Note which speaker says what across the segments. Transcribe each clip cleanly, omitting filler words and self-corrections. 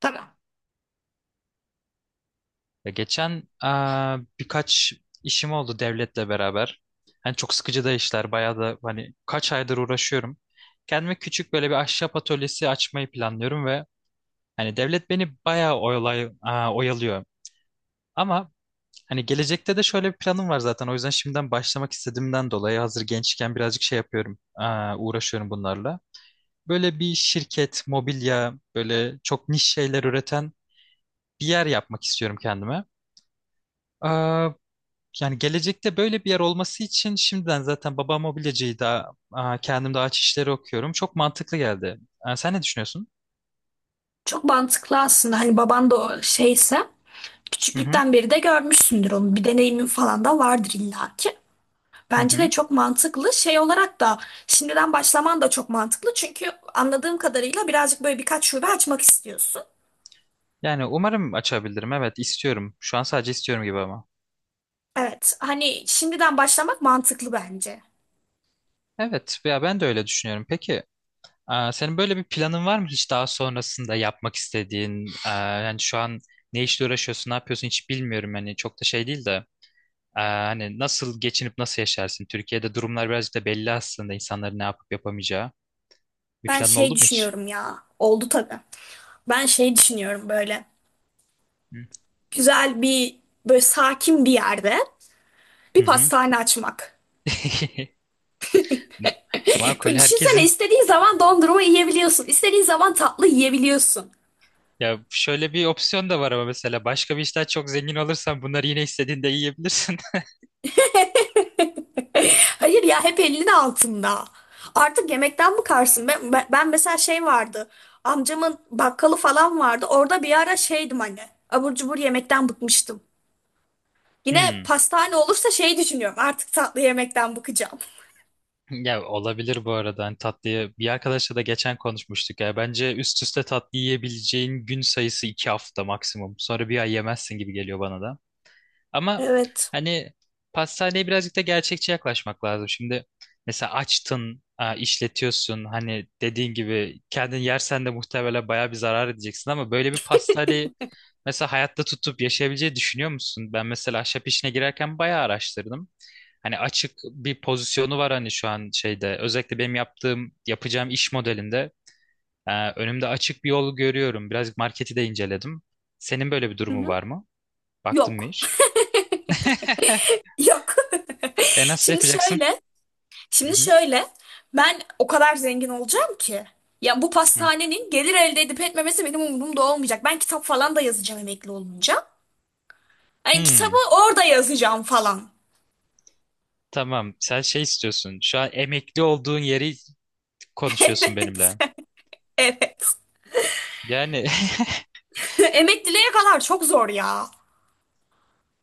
Speaker 1: Tabii.
Speaker 2: Ya geçen birkaç işim oldu devletle beraber. Hani çok sıkıcı da işler, bayağı da hani kaç aydır uğraşıyorum. Kendime küçük böyle bir ahşap atölyesi açmayı planlıyorum ve hani devlet beni bayağı oyalıyor. Ama hani gelecekte de şöyle bir planım var zaten. O yüzden şimdiden başlamak istediğimden dolayı hazır gençken birazcık şey yapıyorum, uğraşıyorum bunlarla. Böyle bir şirket, mobilya, böyle çok niş şeyler üreten bir yer yapmak istiyorum kendime. Ee, Yani gelecekte böyle bir yer olması için şimdiden zaten baba mobilyacıyı da kendim de ağaç işleri okuyorum. Çok mantıklı geldi. Sen ne düşünüyorsun?
Speaker 1: Çok mantıklı aslında. Hani baban da o şeyse
Speaker 2: Hı hı.
Speaker 1: küçüklükten beri de görmüşsündür onu. Bir deneyimin falan da vardır illaki.
Speaker 2: Hı
Speaker 1: Bence de
Speaker 2: hı.
Speaker 1: çok mantıklı. Şey olarak da şimdiden başlaman da çok mantıklı. Çünkü anladığım kadarıyla birazcık böyle birkaç şube açmak istiyorsun.
Speaker 2: Yani umarım açabilirim. Evet, istiyorum. Şu an sadece istiyorum gibi ama.
Speaker 1: Evet. Hani şimdiden başlamak mantıklı bence.
Speaker 2: Evet ya, ben de öyle düşünüyorum. Peki senin böyle bir planın var mı hiç daha sonrasında yapmak istediğin? Yani şu an ne işle uğraşıyorsun, ne yapıyorsun hiç bilmiyorum. Hani çok da şey değil de. Hani nasıl geçinip nasıl yaşarsın? Türkiye'de durumlar birazcık da belli aslında, insanların ne yapıp yapamayacağı. Bir
Speaker 1: Ben
Speaker 2: planın oldu
Speaker 1: şey
Speaker 2: mu hiç?
Speaker 1: düşünüyorum ya. Oldu tabii. Ben şey düşünüyorum böyle.
Speaker 2: Hı
Speaker 1: Güzel bir böyle sakin bir yerde
Speaker 2: hı.
Speaker 1: bir
Speaker 2: Hı.
Speaker 1: pastane açmak.
Speaker 2: Makul,
Speaker 1: Böyle düşünsene,
Speaker 2: herkesin.
Speaker 1: istediğin zaman dondurma yiyebiliyorsun. İstediğin zaman tatlı yiyebiliyorsun.
Speaker 2: Ya şöyle bir opsiyon da var ama, mesela başka bir işten çok zengin olursan bunları yine istediğinde yiyebilirsin.
Speaker 1: Hayır ya, hep elinin altında. Artık yemekten bıkarsın. Ben mesela şey vardı. Amcamın bakkalı falan vardı. Orada bir ara şeydim hani. Abur cubur yemekten bıkmıştım. Yine
Speaker 2: Hmm.
Speaker 1: pastane olursa şey düşünüyorum. Artık tatlı yemekten bıkacağım.
Speaker 2: Ya olabilir, bu arada hani tatlıyı bir arkadaşla da geçen konuşmuştuk ya, bence üst üste tatlı yiyebileceğin gün sayısı 2 hafta maksimum, sonra bir ay yemezsin gibi geliyor bana da. Ama
Speaker 1: Evet.
Speaker 2: hani pastaneye birazcık da gerçekçi yaklaşmak lazım. Şimdi mesela açtın, işletiyorsun. Hani dediğin gibi kendin yersen de muhtemelen bayağı bir zarar edeceksin, ama böyle bir pastaneyi mesela hayatta tutup yaşayabileceği düşünüyor musun? Ben mesela ahşap işine girerken bayağı araştırdım. Hani açık bir pozisyonu var hani, şu an şeyde özellikle benim yaptığım yapacağım iş modelinde önümde açık bir yol görüyorum. Birazcık marketi de inceledim. Senin böyle bir
Speaker 1: Hı
Speaker 2: durumu
Speaker 1: hı.
Speaker 2: var mı? Baktın mı
Speaker 1: Yok.
Speaker 2: hiç?
Speaker 1: Yok.
Speaker 2: E, nasıl
Speaker 1: Şimdi
Speaker 2: yapacaksın?
Speaker 1: şöyle.
Speaker 2: Hı
Speaker 1: Şimdi
Speaker 2: hı.
Speaker 1: şöyle, ben o kadar zengin olacağım ki. Ya bu
Speaker 2: Hı.
Speaker 1: pastanenin gelir elde edip etmemesi benim umurumda olmayacak. Ben kitap falan da yazacağım emekli olunca. Yani kitabı
Speaker 2: Hmm,
Speaker 1: orada yazacağım falan.
Speaker 2: tamam. Sen şey istiyorsun. Şu an emekli olduğun yeri konuşuyorsun
Speaker 1: Evet.
Speaker 2: benimle.
Speaker 1: Evet.
Speaker 2: Yani
Speaker 1: Emekliliğe kadar çok zor ya.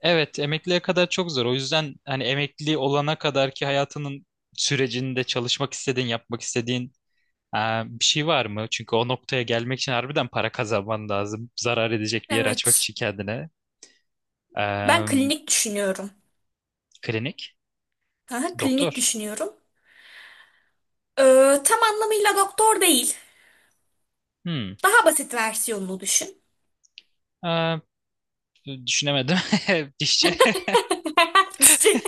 Speaker 2: evet, emekliye kadar çok zor. O yüzden hani emekli olana kadar ki hayatının sürecinde çalışmak istediğin, yapmak istediğin e, bir şey var mı? Çünkü o noktaya gelmek için harbiden para kazanman lazım. Zarar edecek bir yer açmak
Speaker 1: Evet.
Speaker 2: için kendine.
Speaker 1: Ben
Speaker 2: E,
Speaker 1: klinik düşünüyorum.
Speaker 2: klinik,
Speaker 1: Aha, klinik
Speaker 2: doktor.
Speaker 1: düşünüyorum. Tam anlamıyla doktor değil.
Speaker 2: Hmm.
Speaker 1: Daha basit versiyonunu düşün.
Speaker 2: E, düşünemedim. Dişçi.
Speaker 1: Dişçi.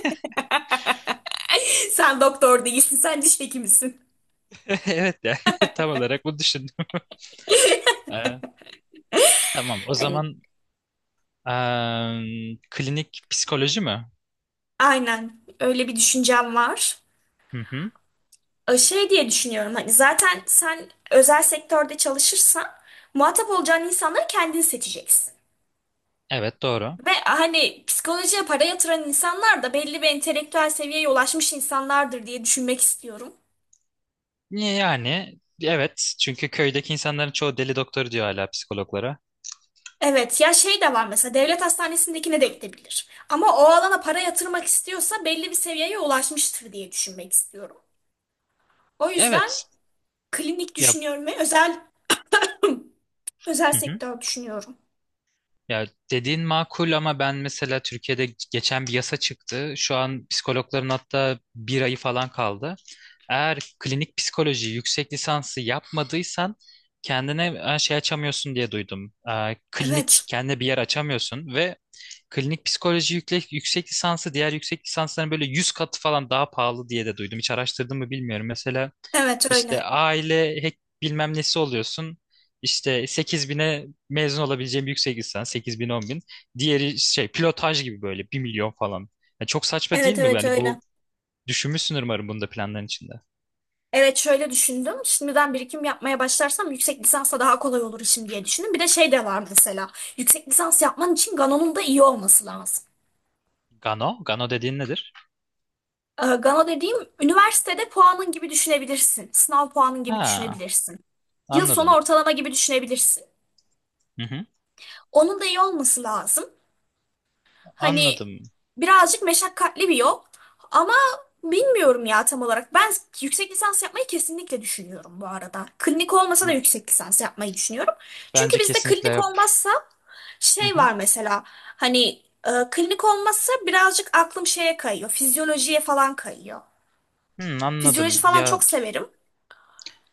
Speaker 1: Sen doktor değilsin, sen diş hekimisin.
Speaker 2: Evet yani tam olarak bunu düşün. Ee, tamam. O
Speaker 1: Hani
Speaker 2: zaman klinik psikoloji mi?
Speaker 1: aynen öyle bir düşüncem var.
Speaker 2: Hı hı.
Speaker 1: Şey diye düşünüyorum, hani zaten sen özel sektörde çalışırsan muhatap olacağın insanları kendin seçeceksin.
Speaker 2: Evet, doğru.
Speaker 1: Ve hani psikolojiye para yatıran insanlar da belli bir entelektüel seviyeye ulaşmış insanlardır diye düşünmek istiyorum.
Speaker 2: Yani evet, çünkü köydeki insanların çoğu deli doktor diyor hala psikologlara.
Speaker 1: Evet ya, şey de var mesela, devlet hastanesindekine de gidebilir. Ama o alana para yatırmak istiyorsa belli bir seviyeye ulaşmıştır diye düşünmek istiyorum. O yüzden
Speaker 2: Evet.
Speaker 1: klinik
Speaker 2: Ya,
Speaker 1: düşünüyorum ve özel
Speaker 2: hı hı.
Speaker 1: sektör düşünüyorum.
Speaker 2: Ya, dediğin makul ama ben mesela Türkiye'de geçen bir yasa çıktı. Şu an psikologların hatta bir ayı falan kaldı. Eğer klinik psikoloji yüksek lisansı yapmadıysan kendine şey açamıyorsun diye duydum. Klinik
Speaker 1: Evet.
Speaker 2: kendine bir yer açamıyorsun ve klinik psikoloji yüksek lisansı diğer yüksek lisansların böyle 100 katı falan daha pahalı diye de duydum. Hiç araştırdım mı bilmiyorum. Mesela
Speaker 1: Evet öyle.
Speaker 2: işte aile bilmem nesi oluyorsun. İşte 8 bine mezun olabileceğim yüksek lisans 8 bin 10 bin. Diğeri şey, pilotaj gibi, böyle 1 milyon falan. Ya çok saçma değil
Speaker 1: Evet
Speaker 2: mi?
Speaker 1: evet
Speaker 2: Yani
Speaker 1: öyle.
Speaker 2: bu, düşünmüşsün umarım bunu da planların içinde.
Speaker 1: Evet şöyle düşündüm. Şimdiden birikim yapmaya başlarsam yüksek lisansa daha kolay olur işim diye düşündüm. Bir de şey de var mesela. Yüksek lisans yapman için Gano'nun da iyi olması lazım.
Speaker 2: Gano? Gano dediğin nedir?
Speaker 1: Gano dediğim üniversitede puanın gibi düşünebilirsin. Sınav puanın gibi
Speaker 2: Ha,
Speaker 1: düşünebilirsin. Yıl sonu
Speaker 2: anladım.
Speaker 1: ortalama gibi düşünebilirsin.
Speaker 2: Hı hı,
Speaker 1: Onun da iyi olması lazım. Hani
Speaker 2: anladım.
Speaker 1: birazcık meşakkatli bir yol ama bilmiyorum ya tam olarak. Ben yüksek lisans yapmayı kesinlikle düşünüyorum bu arada. Klinik olmasa da
Speaker 2: B-
Speaker 1: yüksek lisans yapmayı düşünüyorum. Çünkü
Speaker 2: Bence
Speaker 1: bizde
Speaker 2: kesinlikle
Speaker 1: klinik
Speaker 2: yap.
Speaker 1: olmazsa
Speaker 2: Hı
Speaker 1: şey
Speaker 2: hı.
Speaker 1: var mesela hani, klinik olmazsa birazcık aklım şeye kayıyor. Fizyolojiye falan kayıyor.
Speaker 2: Hı,
Speaker 1: Fizyoloji
Speaker 2: anladım.
Speaker 1: falan çok
Speaker 2: Ya,
Speaker 1: severim.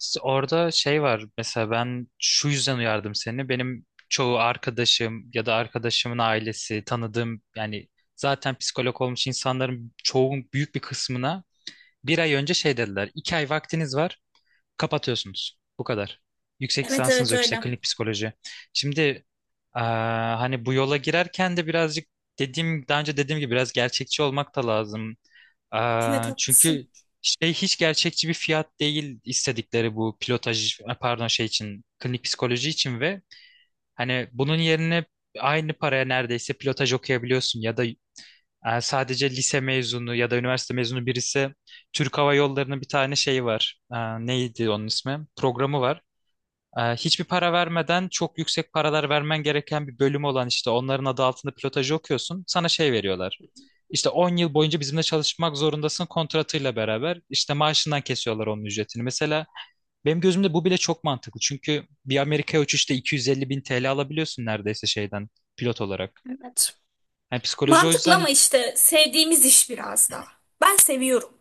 Speaker 2: İşte orada şey var mesela, ben şu yüzden uyardım seni. Benim çoğu arkadaşım ya da arkadaşımın ailesi, tanıdığım yani zaten psikolog olmuş insanların çoğun büyük bir kısmına bir ay önce şey dediler. 2 ay vaktiniz var, kapatıyorsunuz. Bu kadar. Yüksek
Speaker 1: Evet
Speaker 2: lisansınız
Speaker 1: evet
Speaker 2: yok işte,
Speaker 1: öyle.
Speaker 2: klinik psikoloji. Şimdi hani bu yola girerken de birazcık dediğim, daha önce dediğim gibi biraz gerçekçi olmak da lazım.
Speaker 1: Evet
Speaker 2: Çünkü
Speaker 1: haklısın.
Speaker 2: şey hiç gerçekçi bir fiyat değil istedikleri bu pilotaj, pardon şey için, klinik psikoloji için, ve hani bunun yerine aynı paraya neredeyse pilotaj okuyabiliyorsun ya da sadece lise mezunu ya da üniversite mezunu birisi Türk Hava Yolları'nın bir tane şeyi var. Neydi onun ismi? Programı var. Hiçbir para vermeden, çok yüksek paralar vermen gereken bir bölüm olan işte onların adı altında pilotajı okuyorsun. Sana şey veriyorlar. İşte 10 yıl boyunca bizimle çalışmak zorundasın kontratıyla beraber. İşte maaşından kesiyorlar onun ücretini. Mesela benim gözümde bu bile çok mantıklı. Çünkü bir Amerika'ya uçuşta 250 bin TL alabiliyorsun neredeyse, şeyden pilot olarak.
Speaker 1: Evet.
Speaker 2: Yani psikoloji o
Speaker 1: Mantıklı ama
Speaker 2: yüzden
Speaker 1: işte sevdiğimiz iş biraz da. Ben seviyorum.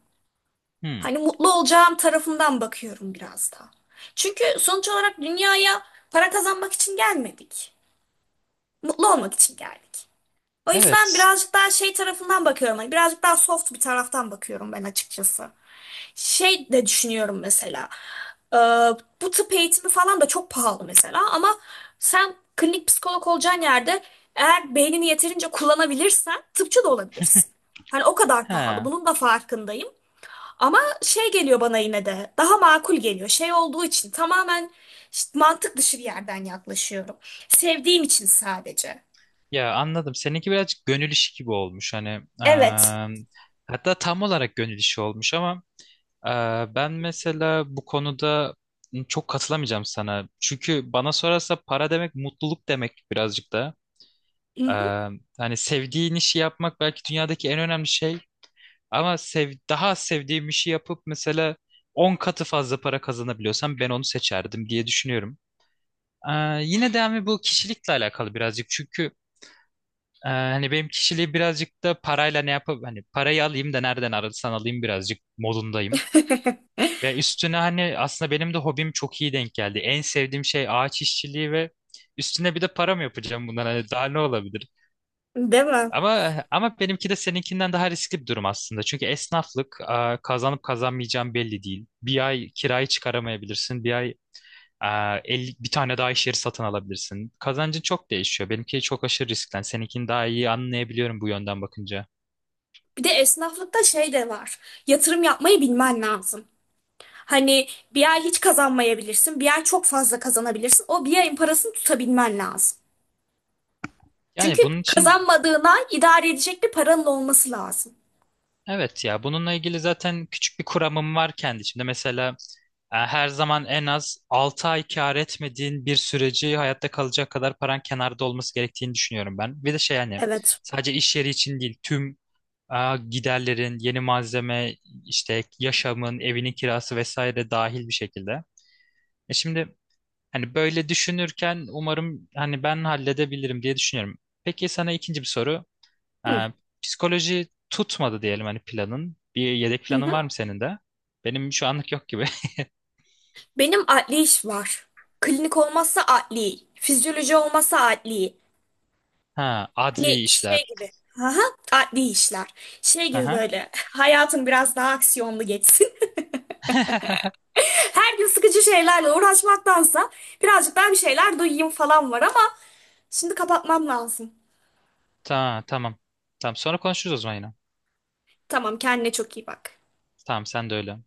Speaker 2: hmm,
Speaker 1: Hani mutlu olacağım tarafından bakıyorum biraz da. Çünkü sonuç olarak dünyaya para kazanmak için gelmedik. Mutlu olmak için geldik. O yüzden
Speaker 2: evet,
Speaker 1: birazcık daha şey tarafından bakıyorum. Hani birazcık daha soft bir taraftan bakıyorum ben açıkçası. Şey de düşünüyorum mesela. Ee, Bu tıp eğitimi falan da çok pahalı mesela. Ama sen klinik psikolog olacağın yerde eğer beynini yeterince kullanabilirsen tıpçı da olabilirsin. Hani o kadar pahalı.
Speaker 2: ha
Speaker 1: Bunun da farkındayım. Ama şey geliyor bana, yine de daha makul geliyor. Şey olduğu için tamamen işte mantık dışı bir yerden yaklaşıyorum. Sevdiğim için sadece.
Speaker 2: ya, anladım. Seninki birazcık gönül işi gibi olmuş. Hani
Speaker 1: Evet.
Speaker 2: eee, hatta tam olarak gönül işi olmuş, ama Ee, Ben mesela bu konuda çok katılamayacağım sana. Çünkü bana sorarsa para demek mutluluk demek birazcık da.
Speaker 1: Hı
Speaker 2: Ee,
Speaker 1: hı.
Speaker 2: Hani sevdiğin işi yapmak belki dünyadaki en önemli şey. Ama sev, daha az sevdiğim işi yapıp mesela 10 katı fazla para kazanabiliyorsam ben onu seçerdim diye düşünüyorum. Yine de ama bu kişilikle alakalı birazcık. Çünkü hani benim kişiliği birazcık da parayla, ne yapıp hani parayı alayım da nereden alırsan alayım, birazcık modundayım. Ya üstüne hani aslında benim de hobim çok iyi denk geldi. En sevdiğim şey ağaç işçiliği, ve üstüne bir de para mı yapacağım bundan, hani daha ne olabilir?
Speaker 1: Değil mi?
Speaker 2: Ama benimki de seninkinden daha riskli bir durum aslında. Çünkü esnaflık kazanıp kazanmayacağın belli değil. Bir ay kirayı çıkaramayabilirsin. Bir ay e, 50 bir tane daha iş yeri satın alabilirsin. Kazancın çok değişiyor. Benimki çok aşırı riskten. Seninkini daha iyi anlayabiliyorum bu yönden bakınca.
Speaker 1: Bir de esnaflıkta şey de var. Yatırım yapmayı bilmen lazım. Hani bir ay hiç kazanmayabilirsin, bir ay çok fazla kazanabilirsin. O bir ayın parasını tutabilmen lazım.
Speaker 2: Yani
Speaker 1: Çünkü
Speaker 2: bunun için.
Speaker 1: kazanmadığına idare edecek bir paranın olması lazım.
Speaker 2: Evet ya, bununla ilgili zaten küçük bir kuramım var kendi içimde. Mesela her zaman en az 6 ay kâr etmediğin bir süreci hayatta kalacak kadar paran kenarda olması gerektiğini düşünüyorum ben. Bir de şey hani,
Speaker 1: Evet.
Speaker 2: sadece iş yeri için değil tüm e, giderlerin, yeni malzeme, işte yaşamın, evinin kirası vesaire dahil bir şekilde. Şimdi hani böyle düşünürken umarım hani ben halledebilirim diye düşünüyorum. Peki sana ikinci bir soru. Ee,
Speaker 1: Hı.
Speaker 2: psikoloji tutmadı diyelim hani, planın. Bir yedek
Speaker 1: Hı
Speaker 2: planın
Speaker 1: hı.
Speaker 2: var mı senin de? Benim şu anlık yok gibi.
Speaker 1: Benim adli iş var. Klinik olmazsa adli, fizyoloji olmazsa adli.
Speaker 2: Ha,
Speaker 1: Hani
Speaker 2: adli
Speaker 1: şey
Speaker 2: işler.
Speaker 1: gibi. Aha, adli işler. Şey gibi
Speaker 2: Aha.
Speaker 1: böyle hayatın biraz daha aksiyonlu geçsin. Her gün sıkıcı şeylerle uğraşmaktansa birazcık daha bir şeyler duyayım falan var ama şimdi kapatmam lazım.
Speaker 2: Tamam, tamam. Tamam, sonra konuşuruz o zaman yine.
Speaker 1: Tamam, kendine çok iyi bak.
Speaker 2: Tamam, sen de öyle.